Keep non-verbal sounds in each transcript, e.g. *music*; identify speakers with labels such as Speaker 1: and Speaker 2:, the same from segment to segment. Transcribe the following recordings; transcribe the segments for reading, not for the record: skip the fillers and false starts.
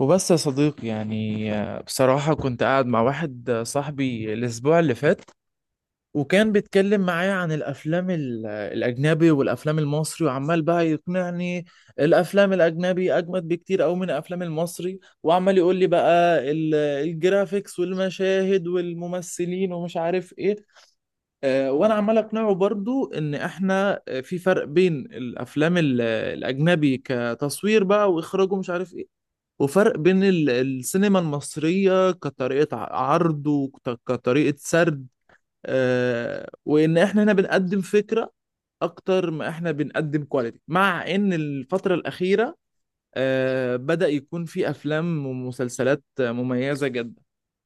Speaker 1: وبس يا صديقي يعني بصراحة كنت قاعد مع واحد صاحبي الأسبوع اللي فات. وكان بيتكلم معايا عن الأفلام الأجنبي والأفلام المصري، وعمال بقى يقنعني الأفلام الأجنبي أجمد بكتير أوي من الأفلام المصري، وعمال يقول لي بقى الجرافيكس والمشاهد والممثلين ومش عارف إيه. وأنا عمال أقنعه برضو إن إحنا في فرق بين الأفلام الأجنبي كتصوير بقى وإخراج ومش عارف إيه، وفرق بين السينما المصرية كطريقة عرض وكطريقة سرد. وإن إحنا هنا بنقدم فكرة أكتر ما إحنا بنقدم كواليتي، مع إن الفترة الأخيرة بدأ يكون في أفلام ومسلسلات مميزة جدا.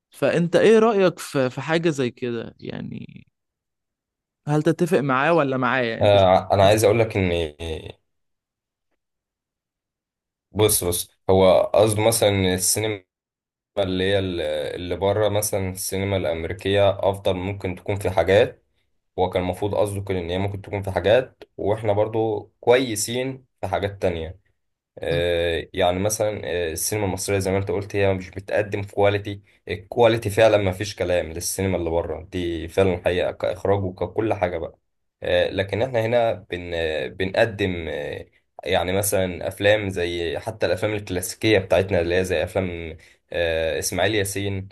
Speaker 1: فأنت إيه رأيك في حاجة زي كده يعني؟ هل تتفق معاه ولا معايا أنت
Speaker 2: انا عايز اقول لك ان بص بص هو قصده مثلا إن السينما اللي هي اللي بره مثلا السينما الامريكيه افضل ممكن تكون في حاجات. هو كان المفروض قصده كده ان هي ممكن تكون في حاجات، واحنا برضو كويسين في حاجات تانية.
Speaker 1: مم.
Speaker 2: يعني مثلا السينما المصرية زي ما انت قلت هي مش بتقدم كواليتي. الكواليتي فعلا ما فيش كلام للسينما اللي بره دي، فعلا حقيقة كإخراج وككل حاجة بقى. لكن احنا هنا بن آه، بنقدم آه، يعني مثلا أفلام زي حتى الأفلام الكلاسيكية بتاعتنا، اللي هي زي أفلام إسماعيل ياسين.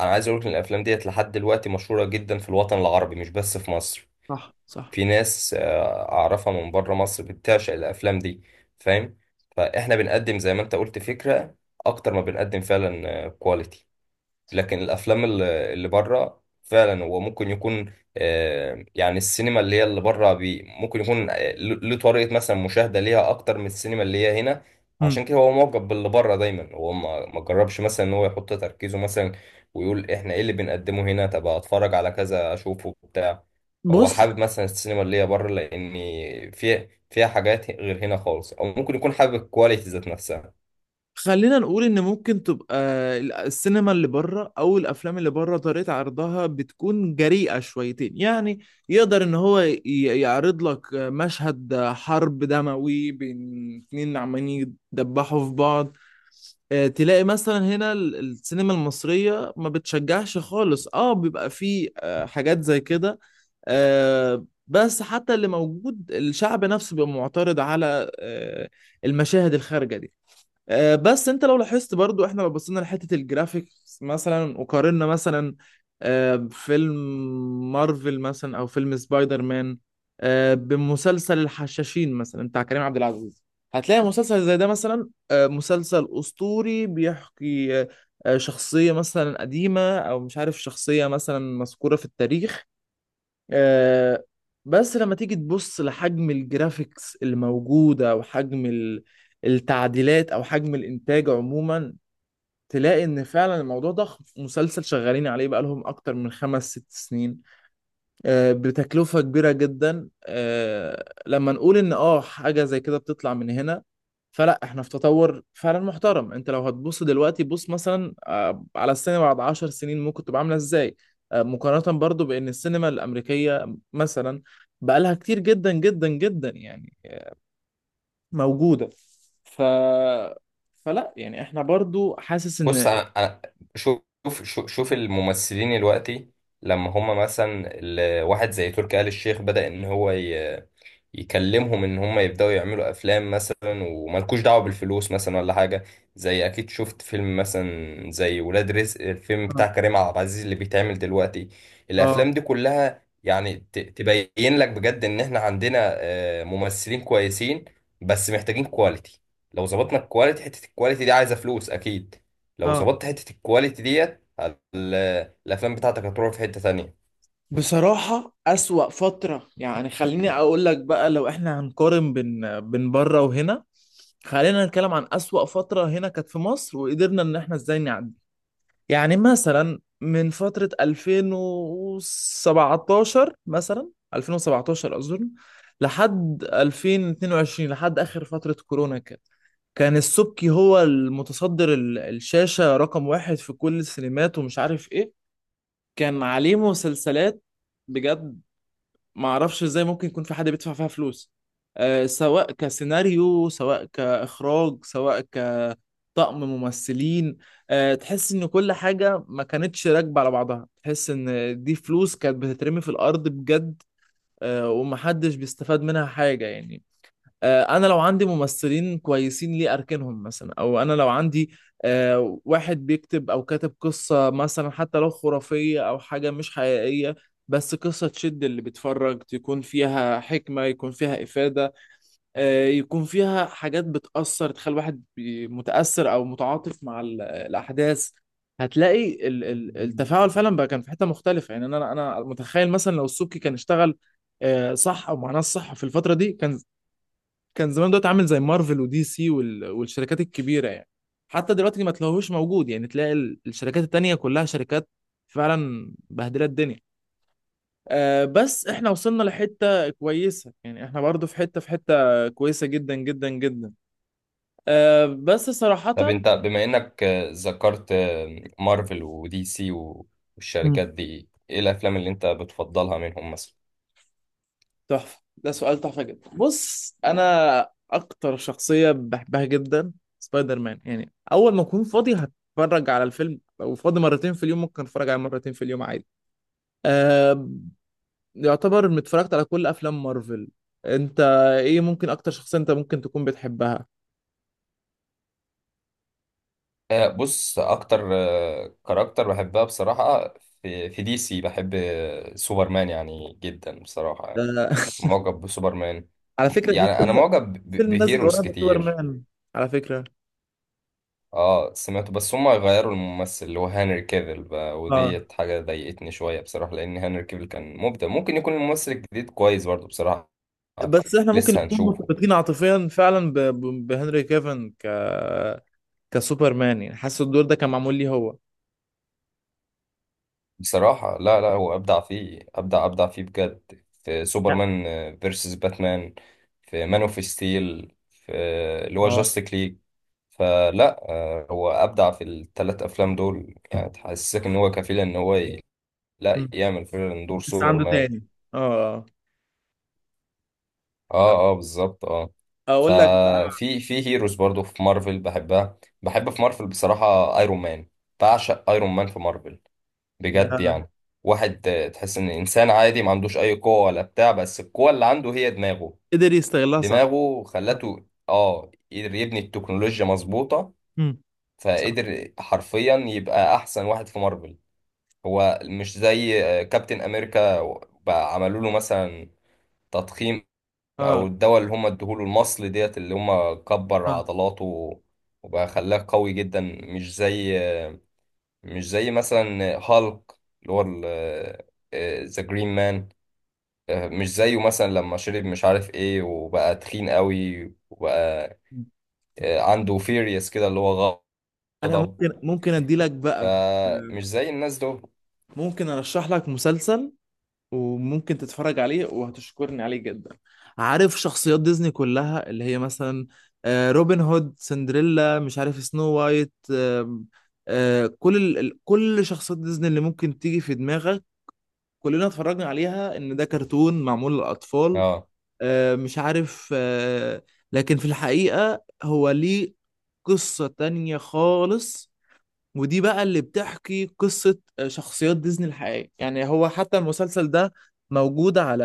Speaker 2: أنا عايز أقول لك إن الأفلام ديت لحد دلوقتي مشهورة جدا في الوطن العربي، مش بس في مصر.
Speaker 1: صح، صح.
Speaker 2: في ناس أعرفها من بره مصر بتعشق الأفلام دي. فاهم؟ فإحنا بنقدم زي ما أنت قلت فكرة أكتر ما بنقدم فعلا كواليتي. لكن الافلام اللي بره فعلا هو ممكن يكون، يعني السينما اللي هي اللي بره بي ممكن يكون له طريقه مثلا مشاهده ليها اكتر من السينما اللي هي هنا.
Speaker 1: مم.
Speaker 2: عشان كده هو معجب باللي بره دايما. هو ما جربش مثلا ان هو يحط تركيزه مثلا ويقول احنا ايه اللي بنقدمه هنا؟ طب اتفرج على كذا اشوفه بتاع. هو
Speaker 1: بص،
Speaker 2: حابب مثلا السينما اللي هي بره لان فيها حاجات غير هنا خالص، او ممكن يكون حابب الكواليتي ذات نفسها.
Speaker 1: خلينا نقول ان ممكن تبقى السينما اللي بره او الافلام اللي بره، طريقة عرضها بتكون جريئة شويتين يعني، يقدر ان هو يعرض لك مشهد حرب دموي بين اتنين عمالين يدبحوا في بعض. تلاقي مثلا هنا السينما المصرية ما بتشجعش خالص، اه، بيبقى فيه حاجات زي كده. بس حتى اللي موجود الشعب نفسه بيبقى معترض على المشاهد الخارجة دي. بس انت لو لاحظت برضو، احنا لو بصينا لحتة الجرافيكس مثلا وقارنا مثلا بفيلم مارفل مثلا او فيلم سبايدر مان، بمسلسل الحشاشين مثلا بتاع كريم عبد العزيز، هتلاقي مسلسل زي ده مثلا، مسلسل اسطوري بيحكي شخصية مثلا قديمة او مش عارف شخصية مثلا مذكورة في التاريخ. آه، بس لما تيجي تبص لحجم الجرافيكس اللي موجودة وحجم التعديلات أو حجم الإنتاج عموما، تلاقي إن فعلا الموضوع ضخم. مسلسل شغالين عليه بقالهم أكتر من خمس ست سنين، بتكلفة كبيرة جدا. لما نقول ان اه حاجة زي كده بتطلع من هنا، فلا احنا في تطور فعلا محترم. انت لو هتبص دلوقتي بص مثلا على السينما بعد 10 سنين ممكن تبقى عاملة ازاي، مقارنة برضو بان السينما الامريكية مثلا بقالها كتير جدا جدا جدا يعني موجودة. ف فلا يعني احنا برضو حاسس
Speaker 2: بص،
Speaker 1: ان
Speaker 2: شوف شوف شوف الممثلين دلوقتي. لما هم مثلا واحد زي تركي آل الشيخ بدأ ان هو يكلمهم ان هم يبداوا يعملوا افلام مثلا، وملكوش دعوه بالفلوس مثلا ولا حاجه. زي اكيد شفت فيلم مثلا زي ولاد رزق، الفيلم بتاع كريم عبد العزيز اللي بيتعمل دلوقتي.
Speaker 1: اه،
Speaker 2: الافلام دي كلها يعني تبين لك بجد ان احنا عندنا ممثلين كويسين، بس محتاجين كواليتي. لو ظبطنا الكواليتي، حته الكواليتي دي عايزه فلوس اكيد. لو
Speaker 1: اه،
Speaker 2: ظبطت حته الكواليتي ديت، الافلام بتاعتك هتروح في حته تانية.
Speaker 1: بصراحة أسوأ فترة يعني. خليني أقول لك بقى، لو إحنا هنقارن بين بين بره وهنا، خلينا نتكلم عن أسوأ فترة هنا كانت في مصر وقدرنا إن إحنا إزاي نعدي. يعني مثلا من فترة 2017، مثلا 2017 أظن، لحد 2022، لحد آخر فترة كورونا كده، كان السبكي هو المتصدر الشاشة رقم واحد في كل السينمات ومش عارف إيه. كان عليه مسلسلات، بجد ما اعرفش ازاي ممكن يكون في حد بيدفع فيها فلوس، سواء كسيناريو سواء كاخراج سواء كطقم ممثلين. تحس ان كل حاجه ما كانتش راكبه على بعضها، تحس ان دي فلوس كانت بتترمي في الارض بجد. ومحدش بيستفاد منها حاجه يعني. انا لو عندي ممثلين كويسين ليه اركنهم مثلا؟ او انا لو عندي واحد بيكتب او كاتب قصة مثلا، حتى لو خرافية او حاجة مش حقيقية، بس قصة تشد اللي بيتفرج، تكون فيها حكمة، يكون فيها إفادة، يكون فيها حاجات بتأثر، تخلي الواحد متأثر أو متعاطف مع الأحداث. هتلاقي التفاعل فعلا بقى كان في حتة مختلفة يعني. أنا متخيل مثلا لو السبكي كان اشتغل صح او مع ناس صح في الفتره دي، كان زمان دلوقتي عامل زي مارفل ودي سي والشركات الكبيره يعني. حتى دلوقتي ما تلاقوهوش موجود يعني، تلاقي الشركات التانية كلها شركات فعلا بهدلة الدنيا. بس احنا وصلنا لحتة كويسة يعني، احنا برضو في حتة كويسة جدا جدا جدا، بس صراحة.
Speaker 2: طب انت بما انك ذكرت مارفل ودي سي
Speaker 1: مم.
Speaker 2: والشركات دي، ايه الافلام اللي انت بتفضلها منهم مثلا؟
Speaker 1: تحفة، ده سؤال تحفة جدا. بص، أنا أكتر شخصية بحبها جدا سبايدر مان. يعني أول ما أكون فاضي هتفرج على الفيلم، لو فاضي مرتين في اليوم ممكن أتفرج عليه مرتين في اليوم عادي. آه يعتبر اتفرجت على كل افلام مارفل. انت ايه، ممكن اكتر شخصية انت ممكن تكون بتحبها؟
Speaker 2: بص، اكتر كاركتر بحبها بصراحة، في دي سي، بحب سوبرمان يعني جدا بصراحة يعني.
Speaker 1: آه *laughs*
Speaker 2: معجب بسوبرمان.
Speaker 1: على فكرة في
Speaker 2: يعني انا
Speaker 1: فيلم،
Speaker 2: معجب
Speaker 1: نزل
Speaker 2: بهيروز
Speaker 1: قريب
Speaker 2: كتير.
Speaker 1: سوبرمان على فكرة.
Speaker 2: اه سمعته، بس هما غيروا الممثل اللي هو هنري كافيل بقى،
Speaker 1: اه،
Speaker 2: وديت حاجة ضايقتني شوية بصراحة، لأن هنري كافيل كان مبدع. ممكن يكون الممثل الجديد كويس برضه بصراحة.
Speaker 1: بس احنا ممكن
Speaker 2: لسه
Speaker 1: نكون
Speaker 2: هنشوفه.
Speaker 1: مرتبطين عاطفيا فعلا بهنري كيفن كسوبرمان، يعني حاسس الدور ده كان معمول ليه هو.
Speaker 2: بصراحة لا لا، هو أبدع فيه، أبدع أبدع فيه بجد في
Speaker 1: لا،
Speaker 2: سوبرمان فيرسس باتمان، في مان اوف ستيل، في اللي هو
Speaker 1: اه.
Speaker 2: جاستيك ليج. فلا، هو أبدع في الثلاث أفلام دول، يعني تحسسك إن هو كفيل إن هو لا
Speaker 1: مم.
Speaker 2: يعمل فعلا دور
Speaker 1: لسه عنده
Speaker 2: سوبرمان.
Speaker 1: تاني. اه،
Speaker 2: اه، اه، بالظبط، اه.
Speaker 1: اقول لك بقى.
Speaker 2: ففي هيروز برضو في مارفل بحبها، بحب في مارفل بصراحة ايرون مان. بعشق ايرون مان في مارفل،
Speaker 1: ده
Speaker 2: بجد يعني. واحد تحس ان انسان عادي، ما عندوش اي قوة ولا بتاع، بس القوة اللي عنده هي دماغه.
Speaker 1: قدر يستغلها صح.
Speaker 2: دماغه خلته، اه، قدر يبني التكنولوجيا مظبوطة.
Speaker 1: مم. صح،
Speaker 2: فقدر حرفيا يبقى احسن واحد في مارفل. هو مش زي كابتن امريكا، بقى عملوا له مثلا تضخيم،
Speaker 1: اه،
Speaker 2: او الدواء اللي هم ادوه له، المصل ديت اللي هم كبر
Speaker 1: اه،
Speaker 2: عضلاته، وبقى خلاه قوي جدا. مش زي مثلا هالك، اللي هو ذا جرين مان، مش زيه مثلا لما شرب مش عارف ايه وبقى تخين قوي، وبقى عنده فيريس كده اللي هو
Speaker 1: انا
Speaker 2: غضب.
Speaker 1: ممكن ادي لك بقى،
Speaker 2: فمش زي الناس دول.
Speaker 1: ممكن ارشح لك مسلسل وممكن تتفرج عليه وهتشكرني عليه جدا. عارف شخصيات ديزني كلها اللي هي مثلا روبن هود، سندريلا، مش عارف سنو وايت، آم، آه، كل كل شخصيات ديزني اللي ممكن تيجي في دماغك، كلنا اتفرجنا عليها ان ده كرتون معمول للاطفال،
Speaker 2: اه،
Speaker 1: مش عارف، لكن في الحقيقة هو ليه قصة تانية خالص. ودي بقى اللي بتحكي قصة شخصيات ديزني الحقيقية، يعني هو حتى المسلسل ده موجود على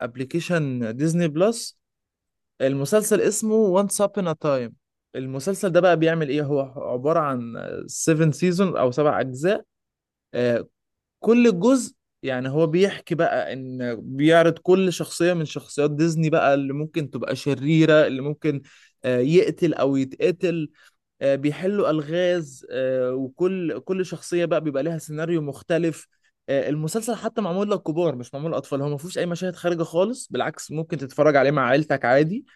Speaker 1: ابلكيشن ديزني بلس. المسلسل اسمه Once Upon a Time. المسلسل ده بقى بيعمل ايه؟ هو عبارة عن 7 سيزون او سبع اجزاء. آه، كل جزء، يعني هو بيحكي بقى ان بيعرض كل شخصية من شخصيات ديزني بقى، اللي ممكن تبقى شريرة، اللي ممكن يقتل او يتقتل، بيحلوا ألغاز. وكل شخصية بقى بيبقى ليها سيناريو مختلف. المسلسل حتى معمول للكبار مش معمول للأطفال، هو ما فيهوش أي مشاهد خارجة خالص، بالعكس ممكن تتفرج عليه مع عيلتك عادي.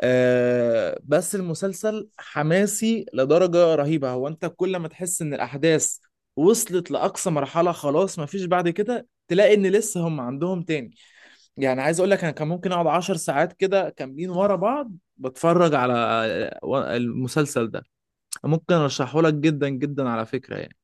Speaker 1: بس المسلسل حماسي لدرجة رهيبة. هو أنت كل ما تحس إن الأحداث وصلت لأقصى مرحلة خلاص ما فيش بعد كده، تلاقي إن لسه هم عندهم تاني. يعني عايز أقول لك، أنا كان ممكن أقعد 10 ساعات كده كاملين ورا بعض بتفرج على المسلسل ده. ممكن ارشحه لك جدا جدا على فكره يعني.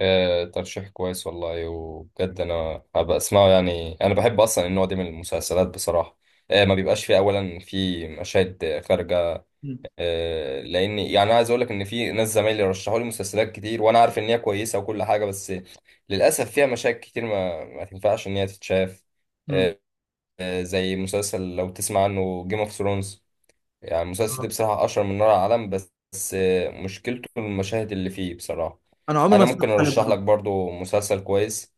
Speaker 2: ترشيح كويس والله، وبجد انا هبقى اسمعه. يعني انا بحب اصلا النوع ده من المسلسلات بصراحه. ما بيبقاش فيه اولا في مشاهد خارجه.
Speaker 1: مم.
Speaker 2: لان يعني انا عايز اقول لك ان في ناس زمايلي رشحوا لي مسلسلات كتير، وانا عارف ان هي كويسه وكل حاجه، بس للاسف فيها مشاهد كتير ما تنفعش ان هي تتشاف.
Speaker 1: مم.
Speaker 2: آه، زي مسلسل لو تسمع عنه جيم اوف ثرونز. يعني المسلسل
Speaker 1: آه.
Speaker 2: ده بصراحة أشهر من نار على العالم، بس بس مشكلته المشاهد اللي فيه بصراحة.
Speaker 1: انا عمري ما
Speaker 2: أنا
Speaker 1: اتفرجت
Speaker 2: ممكن
Speaker 1: عليه
Speaker 2: أرشح لك
Speaker 1: برضه،
Speaker 2: برضو مسلسل كويس.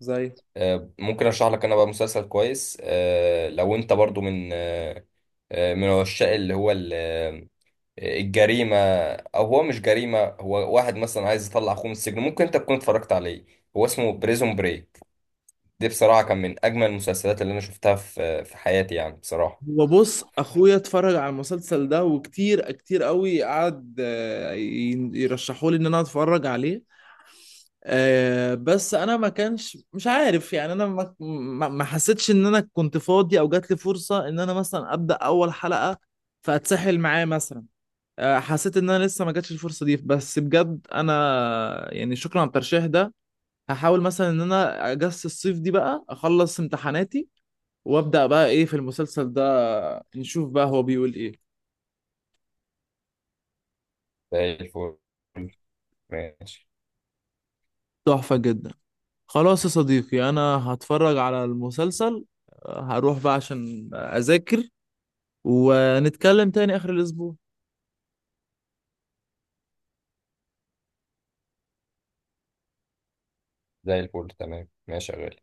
Speaker 1: زي،
Speaker 2: ممكن أرشح لك أنا بقى مسلسل كويس، لو أنت برضو من من عشاق اللي هو الجريمة. أو هو مش جريمة، هو واحد مثلا عايز يطلع أخوه من السجن. ممكن أنت تكون اتفرجت عليه. هو اسمه بريزون بريك. دي بصراحة كان من أجمل المسلسلات اللي أنا شفتها في حياتي، يعني بصراحة.
Speaker 1: هو بص اخويا اتفرج على المسلسل ده وكتير كتير قوي قعد يرشحوا لي ان انا اتفرج عليه، بس انا ما كانش مش عارف، يعني انا ما حسيتش ان انا كنت فاضي او جات لي فرصة ان انا مثلا ابدا اول حلقة فاتسحل معاه مثلا. حسيت ان انا لسه ما جاتش الفرصة دي، بس بجد انا يعني شكرا على الترشيح ده. هحاول مثلا ان انا اجس الصيف دي بقى اخلص امتحاناتي، وابدا بقى ايه في المسلسل ده، نشوف بقى هو بيقول ايه.
Speaker 2: زي الفل. ماشي.
Speaker 1: تحفة جدا. خلاص يا صديقي، انا هتفرج على المسلسل، هروح بقى عشان اذاكر، ونتكلم تاني اخر الاسبوع.
Speaker 2: زي الفل، تمام، ماشي يا غالي.